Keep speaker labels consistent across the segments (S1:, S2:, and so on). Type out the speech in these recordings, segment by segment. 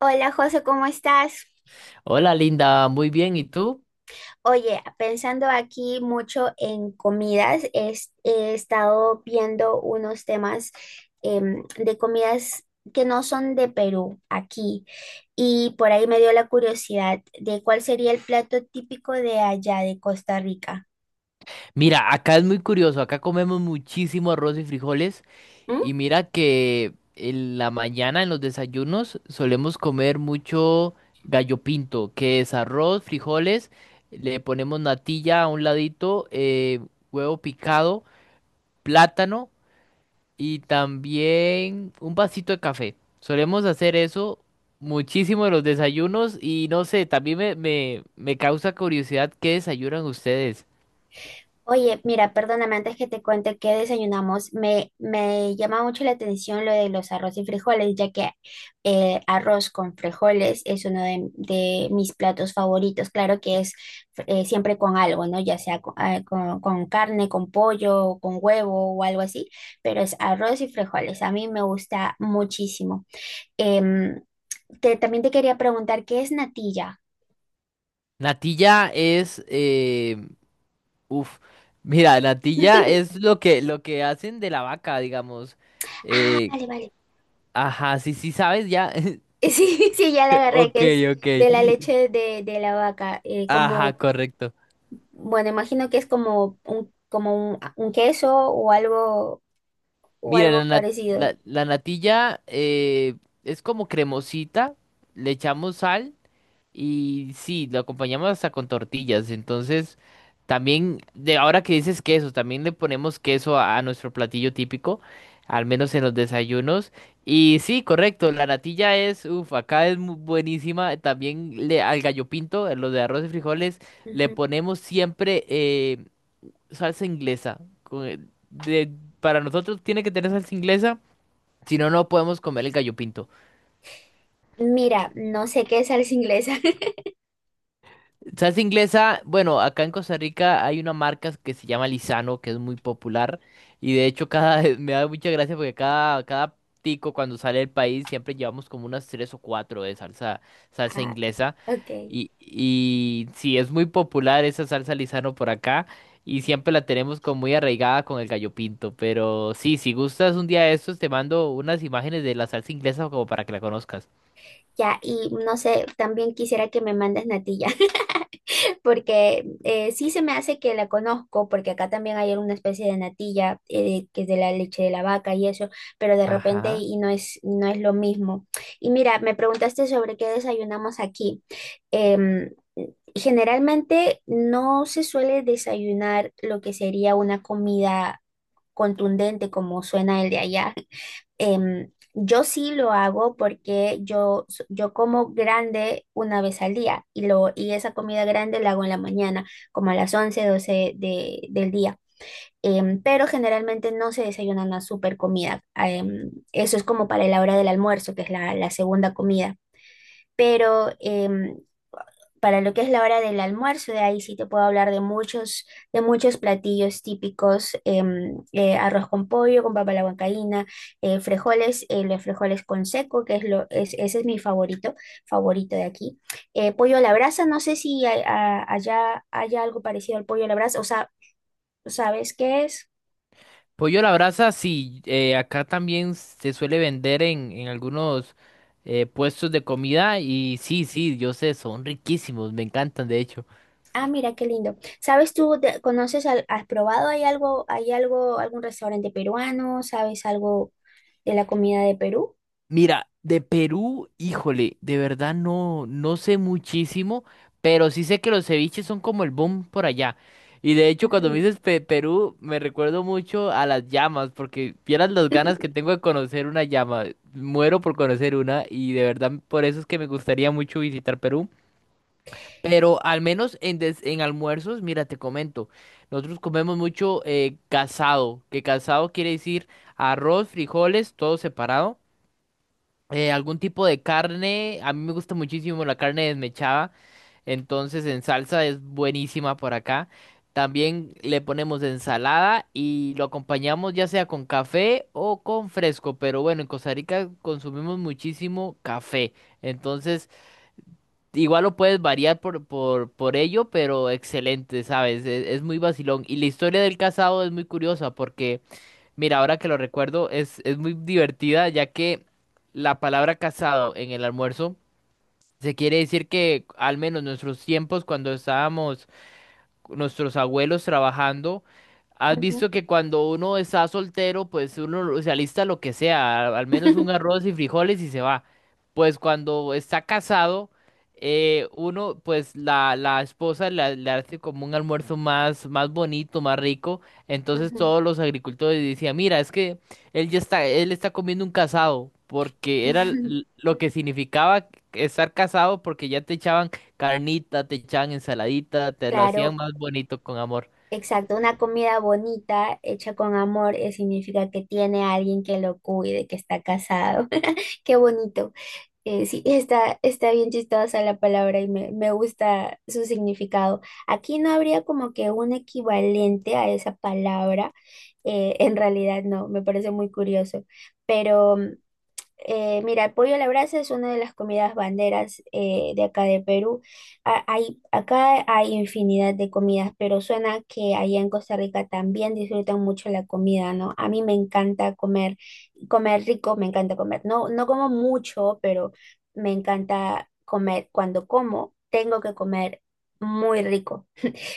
S1: Hola José, ¿cómo estás?
S2: Hola Linda, muy bien, ¿y tú?
S1: Oye, pensando aquí mucho en comidas, he estado viendo unos temas de comidas que no son de Perú, aquí, y por ahí me dio la curiosidad de cuál sería el plato típico de allá, de Costa Rica.
S2: Mira, acá es muy curioso, acá comemos muchísimo arroz y frijoles
S1: ¿Mm?
S2: y mira que en la mañana en los desayunos solemos comer mucho gallo pinto, que es arroz, frijoles, le ponemos natilla a un ladito, huevo picado, plátano y también un vasito de café. Solemos hacer eso muchísimo en los desayunos y no sé, también me causa curiosidad qué desayunan ustedes.
S1: Oye, mira, perdóname antes que te cuente qué desayunamos. Me llama mucho la atención lo de los arroz y frijoles, ya que arroz con frijoles es uno de mis platos favoritos. Claro que es siempre con algo, ¿no? Ya sea con carne, con pollo, o con huevo o algo así, pero es arroz y frijoles. A mí me gusta muchísimo. Em, también te quería preguntar, ¿qué es natilla?
S2: Natilla es, uf, mira, natilla es lo que hacen de la vaca, digamos.
S1: Ah,
S2: Eh,
S1: vale, vale.
S2: ajá, sí, sí, sabes ya.
S1: Sí, sí, ya la agarré,
S2: Ok,
S1: que es
S2: ok.
S1: de la leche de la vaca.
S2: Ajá, correcto.
S1: Bueno, imagino que es como un queso o
S2: Mira,
S1: algo parecido.
S2: la natilla es como cremosita, le echamos sal. Y sí, lo acompañamos hasta con tortillas. Entonces, también, de ahora que dices queso, también le ponemos queso a nuestro platillo típico, al menos en los desayunos. Y sí, correcto, la natilla es, acá es mu- buenísima. También le, al gallo pinto, a los de arroz y frijoles, le
S1: Ujú.
S2: ponemos siempre salsa inglesa. Para nosotros tiene que tener salsa inglesa, si no, no podemos comer el gallo pinto.
S1: Mira, no sé qué es salsa inglesa.
S2: Salsa inglesa, bueno, acá en Costa Rica hay una marca que se llama Lizano, que es muy popular. Y de hecho, cada me da mucha gracia porque cada tico cuando sale del país siempre llevamos como unas tres o cuatro de salsa
S1: Ah,
S2: inglesa.
S1: ok.
S2: Y sí, es muy popular esa salsa Lizano por acá. Y siempre la tenemos como muy arraigada con el gallo pinto. Pero sí, si gustas un día de estos, te mando unas imágenes de la salsa inglesa como para que la conozcas.
S1: Ya, y no sé, también quisiera que me mandes natilla, porque sí se me hace que la conozco, porque acá también hay alguna especie de natilla que es de la leche de la vaca y eso, pero de repente
S2: Ajá.
S1: y no es lo mismo. Y mira, me preguntaste sobre qué desayunamos aquí. Em, Generalmente no se suele desayunar lo que sería una comida contundente como suena el de allá. Yo sí lo hago porque yo como grande una vez al día y esa comida grande la hago en la mañana, como a las 11 12 del día. Pero generalmente no se desayuna una super comida. Em, eso es como para la hora del almuerzo, que es la segunda comida. Pero em, para lo que es la hora del almuerzo, de ahí sí te puedo hablar de muchos platillos típicos, arroz con pollo, con papa a la huancaína, frijoles, los frijoles con seco, que es lo, es, ese es mi favorito, favorito de aquí. Pollo a la brasa, no sé si allá haya algo parecido al pollo a la brasa, o sea, ¿sabes qué es?
S2: Pollo a la brasa, sí, acá también se suele vender en algunos puestos de comida y sí, sí, yo sé, son riquísimos, me encantan de hecho.
S1: Ah, mira, qué lindo. ¿Sabes tú, conoces, has probado, algún restaurante peruano, sabes algo de la comida de Perú?
S2: Mira, de Perú, híjole, de verdad no, no sé muchísimo, pero sí sé que los ceviches son como el boom por allá. Y de hecho, cuando me
S1: Ujú.
S2: dices Perú, me recuerdo mucho a las llamas, porque vieras las ganas que tengo de conocer una llama, muero por conocer una y de verdad por eso es que me gustaría mucho visitar Perú. Pero al menos en almuerzos, mira, te comento, nosotros comemos mucho casado, que casado quiere decir arroz, frijoles, todo separado, algún tipo de carne, a mí me gusta muchísimo la carne desmechada, entonces en salsa es buenísima por acá. También le ponemos ensalada y lo acompañamos ya sea con café o con fresco, pero bueno, en Costa Rica consumimos muchísimo café, entonces... Igual lo puedes variar por ello, pero excelente, ¿sabes? Es muy vacilón. Y la historia del casado es muy curiosa porque, mira, ahora que lo recuerdo, es muy divertida ya que la palabra casado en el almuerzo se quiere decir que al menos nuestros tiempos cuando estábamos nuestros abuelos trabajando. Has
S1: Ujú.
S2: visto que cuando uno está soltero, pues uno se alista lo que sea, al menos un arroz y frijoles y se va. Pues cuando está casado, uno, pues la esposa le hace como un almuerzo más, más bonito, más rico. Entonces
S1: Ujú.
S2: todos los agricultores decían, mira, es que él ya está, él está comiendo un casado, porque era lo que significaba estar casado, porque ya te echaban carnita, te echaban ensaladita, te lo hacían
S1: Claro,
S2: más bonito con amor.
S1: exacto. Una comida bonita, hecha con amor, significa que tiene a alguien que lo cuide, que está casado. Qué bonito. Sí, está bien chistosa la palabra y me gusta su significado. Aquí no habría como que un equivalente a esa palabra. Eh, en realidad no, me parece muy curioso. Pero eh, mira, el pollo a la brasa es una de las comidas banderas de acá de Perú. Acá hay infinidad de comidas, pero suena que allá en Costa Rica también disfrutan mucho la comida, ¿no? A mí me encanta comer, comer rico, me encanta comer. No como mucho, pero me encanta comer. Cuando como, tengo que comer muy rico.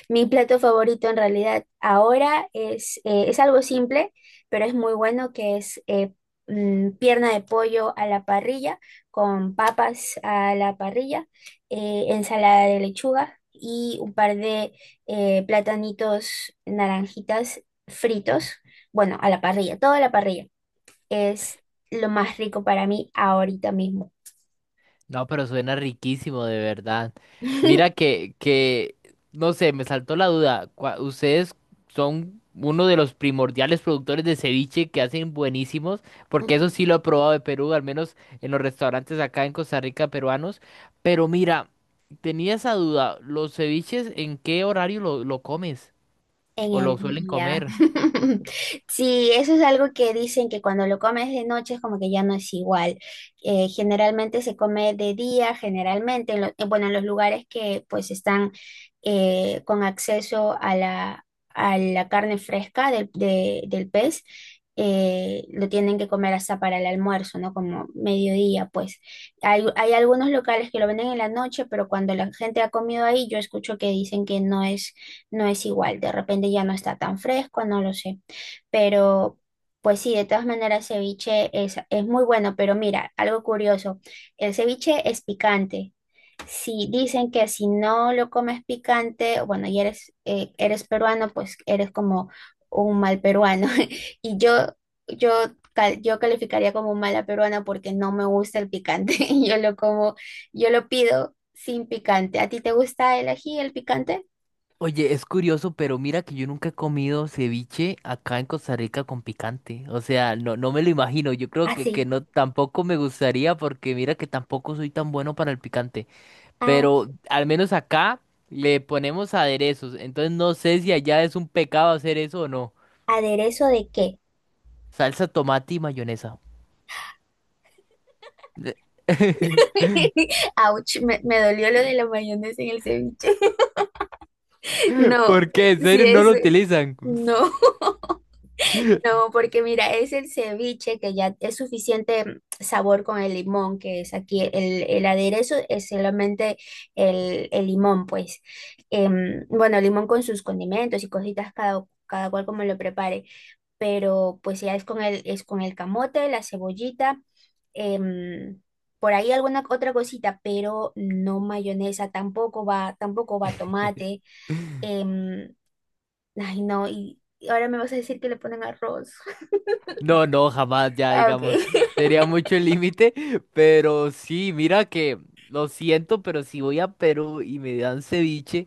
S1: Mi plato favorito en realidad ahora es algo simple, pero es muy bueno, que es pierna de pollo a la parrilla, con papas a la parrilla, ensalada de lechuga y un par de platanitos naranjitas fritos, bueno, a la parrilla, todo a la parrilla. Es lo más rico para mí ahorita mismo.
S2: No, pero suena riquísimo, de verdad. Mira que, que, no sé, me saltó la duda. Ustedes son uno de los primordiales productores de ceviche que hacen buenísimos, porque eso sí lo he probado de Perú, al menos en los restaurantes acá en Costa Rica peruanos. Pero mira, tenía esa duda, ¿los ceviches en qué horario lo comes?
S1: En
S2: ¿O
S1: el
S2: lo suelen
S1: día.
S2: comer?
S1: Sí, eso es algo que dicen que cuando lo comes de noche es como que ya no es igual. Generalmente se come de día, generalmente, bueno, en los lugares que pues están con acceso a a la carne fresca del pez, lo tienen que comer hasta para el almuerzo, ¿no? Como mediodía, pues. Hay algunos locales que lo venden en la noche, pero cuando la gente ha comido ahí, yo escucho que dicen que no es igual, de repente ya no está tan fresco, no lo sé. Pero pues sí, de todas maneras ceviche es muy bueno, pero mira, algo curioso, el ceviche es picante. Si dicen que si no lo comes picante, bueno, y eres peruano, pues eres como un mal peruano. Y yo, yo, yo calificaría como mala peruana porque no me gusta el picante. Yo lo como, yo lo pido sin picante. ¿A ti te gusta el ají, el picante?
S2: Oye, es curioso, pero mira que yo nunca he comido ceviche acá en Costa Rica con picante. O sea, no, no me lo imagino. Yo creo que
S1: Así.
S2: no tampoco me gustaría porque mira que tampoco soy tan bueno para el picante. Pero al menos acá le ponemos aderezos. Entonces no sé si allá es un pecado hacer eso o no.
S1: ¿Aderezo de qué?
S2: Salsa, tomate y mayonesa.
S1: Ouch, me dolió lo de la mayonesa en el ceviche. No,
S2: ¿Por qué? ¿En
S1: si
S2: serio no
S1: es,
S2: lo utilizan?
S1: no, No, porque mira, es el ceviche que ya es suficiente sabor con el limón, que es aquí el aderezo, es solamente el limón, pues. Em, bueno, el limón con sus condimentos y cositas cada cual como lo prepare. Pero pues ya es con es con el camote, la cebollita, em, por ahí alguna otra cosita, pero no mayonesa, tampoco va, tampoco va tomate. Em, ay, no, Y y ahora me vas a decir que le ponen arroz.
S2: No, no, jamás, ya
S1: Ah, ok.
S2: digamos, sería mucho el límite, pero sí, mira que lo siento, pero si voy a Perú y me dan ceviche,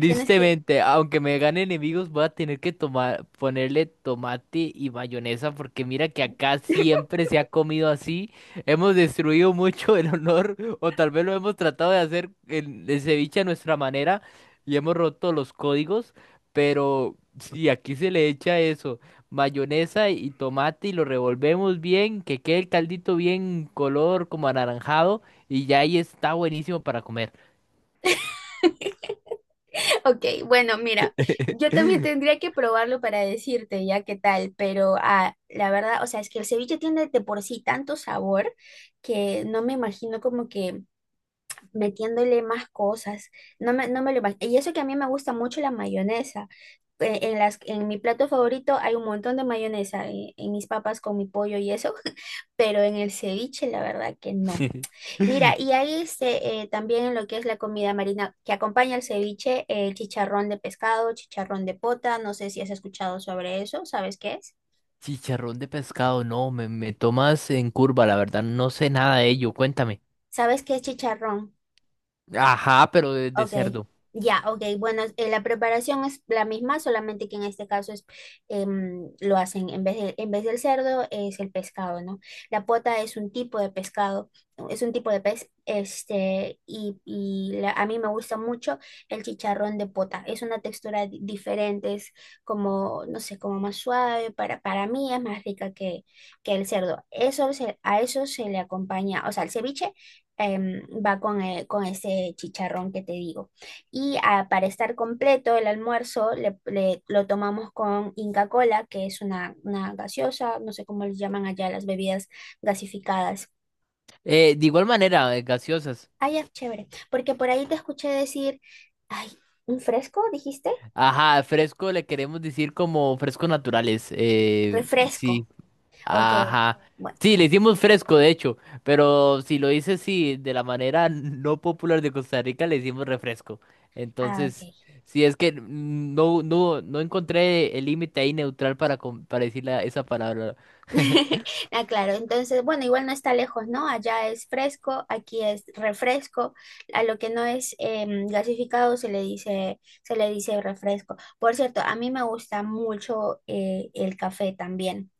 S1: Tienes que...
S2: aunque me gane enemigos, voy a tener que tomar, ponerle tomate y mayonesa porque mira que acá siempre se ha comido así. Hemos destruido mucho el honor o tal vez lo hemos tratado de hacer el ceviche a nuestra manera y hemos roto los códigos, pero si aquí se le echa eso, mayonesa y tomate y lo revolvemos bien, que quede el caldito bien color como anaranjado y ya ahí está buenísimo para comer.
S1: Ok, bueno, mira, yo también tendría que probarlo para decirte ya qué tal, pero ah, la verdad, o sea, es que el ceviche tiene de por sí tanto sabor que no me imagino como que metiéndole más cosas. No me lo imagino. Y eso que a mí me gusta mucho la mayonesa. En las, en mi plato favorito hay un montón de mayonesa, mis papas con mi pollo y eso, pero en el ceviche la verdad que no. Mira, y ahí este, también en lo que es la comida marina que acompaña el ceviche, el chicharrón de pescado, chicharrón de pota, no sé si has escuchado sobre eso, ¿sabes qué es?
S2: Chicharrón de pescado, no, me tomas en curva, la verdad, no sé nada de ello, cuéntame.
S1: ¿Sabes qué es chicharrón?
S2: Ajá, pero de
S1: Ok,
S2: cerdo.
S1: ya, ok. Bueno, la preparación es la misma, solamente que en este caso lo hacen en vez del cerdo es el pescado, ¿no? La pota es un tipo de pescado, es un tipo de pez, este, a mí me gusta mucho el chicharrón de pota. Es una textura diferente, es como, no sé, como más suave, para mí es más rica que el cerdo. A eso se le acompaña, o sea, el ceviche em, va con ese chicharrón que te digo. Y ah, para estar completo el almuerzo lo tomamos con Inca Cola, que es una gaseosa, no sé cómo les llaman allá las bebidas gasificadas.
S2: De igual manera, gaseosas.
S1: Ay, ya, chévere, porque por ahí te escuché decir, ay, ¿un fresco dijiste?
S2: Ajá, fresco le queremos decir como frescos naturales.
S1: Refresco.
S2: Sí,
S1: Ok,
S2: ajá.
S1: bueno,
S2: Sí, le hicimos fresco, de hecho, pero si lo dices, sí, de la manera no popular de Costa Rica, le hicimos refresco.
S1: ah,
S2: Entonces,
S1: ok.
S2: sí, es que no, no, no encontré el límite ahí neutral para, para decir esa palabra.
S1: Ah, claro, entonces, bueno, igual no está lejos, ¿no? Allá es fresco, aquí es refresco, a lo que no es em, gasificado se le dice refresco. Por cierto, a mí me gusta mucho el café también,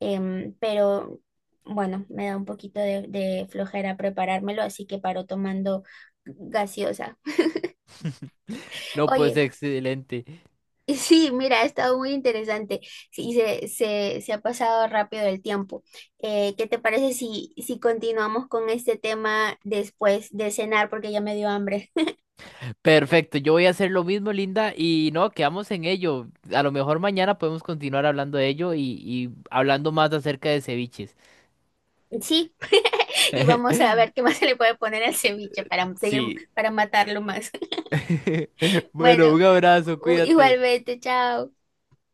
S1: em, pero bueno, me da un poquito de flojera preparármelo, así que paro tomando gaseosa.
S2: No, pues
S1: Oye,
S2: excelente.
S1: y sí, mira, ha estado muy interesante. Sí, se ha pasado rápido el tiempo. ¿Qué te parece si continuamos con este tema después de cenar? Porque ya me dio hambre.
S2: Perfecto, yo voy a hacer lo mismo, Linda, y no, quedamos en ello. A lo mejor mañana podemos continuar hablando de ello y hablando más acerca de ceviches.
S1: Sí, y vamos a ver qué más se le puede poner al ceviche para seguir,
S2: Sí.
S1: para matarlo más.
S2: Bueno,
S1: Bueno,
S2: un abrazo, cuídate.
S1: igualmente, chao.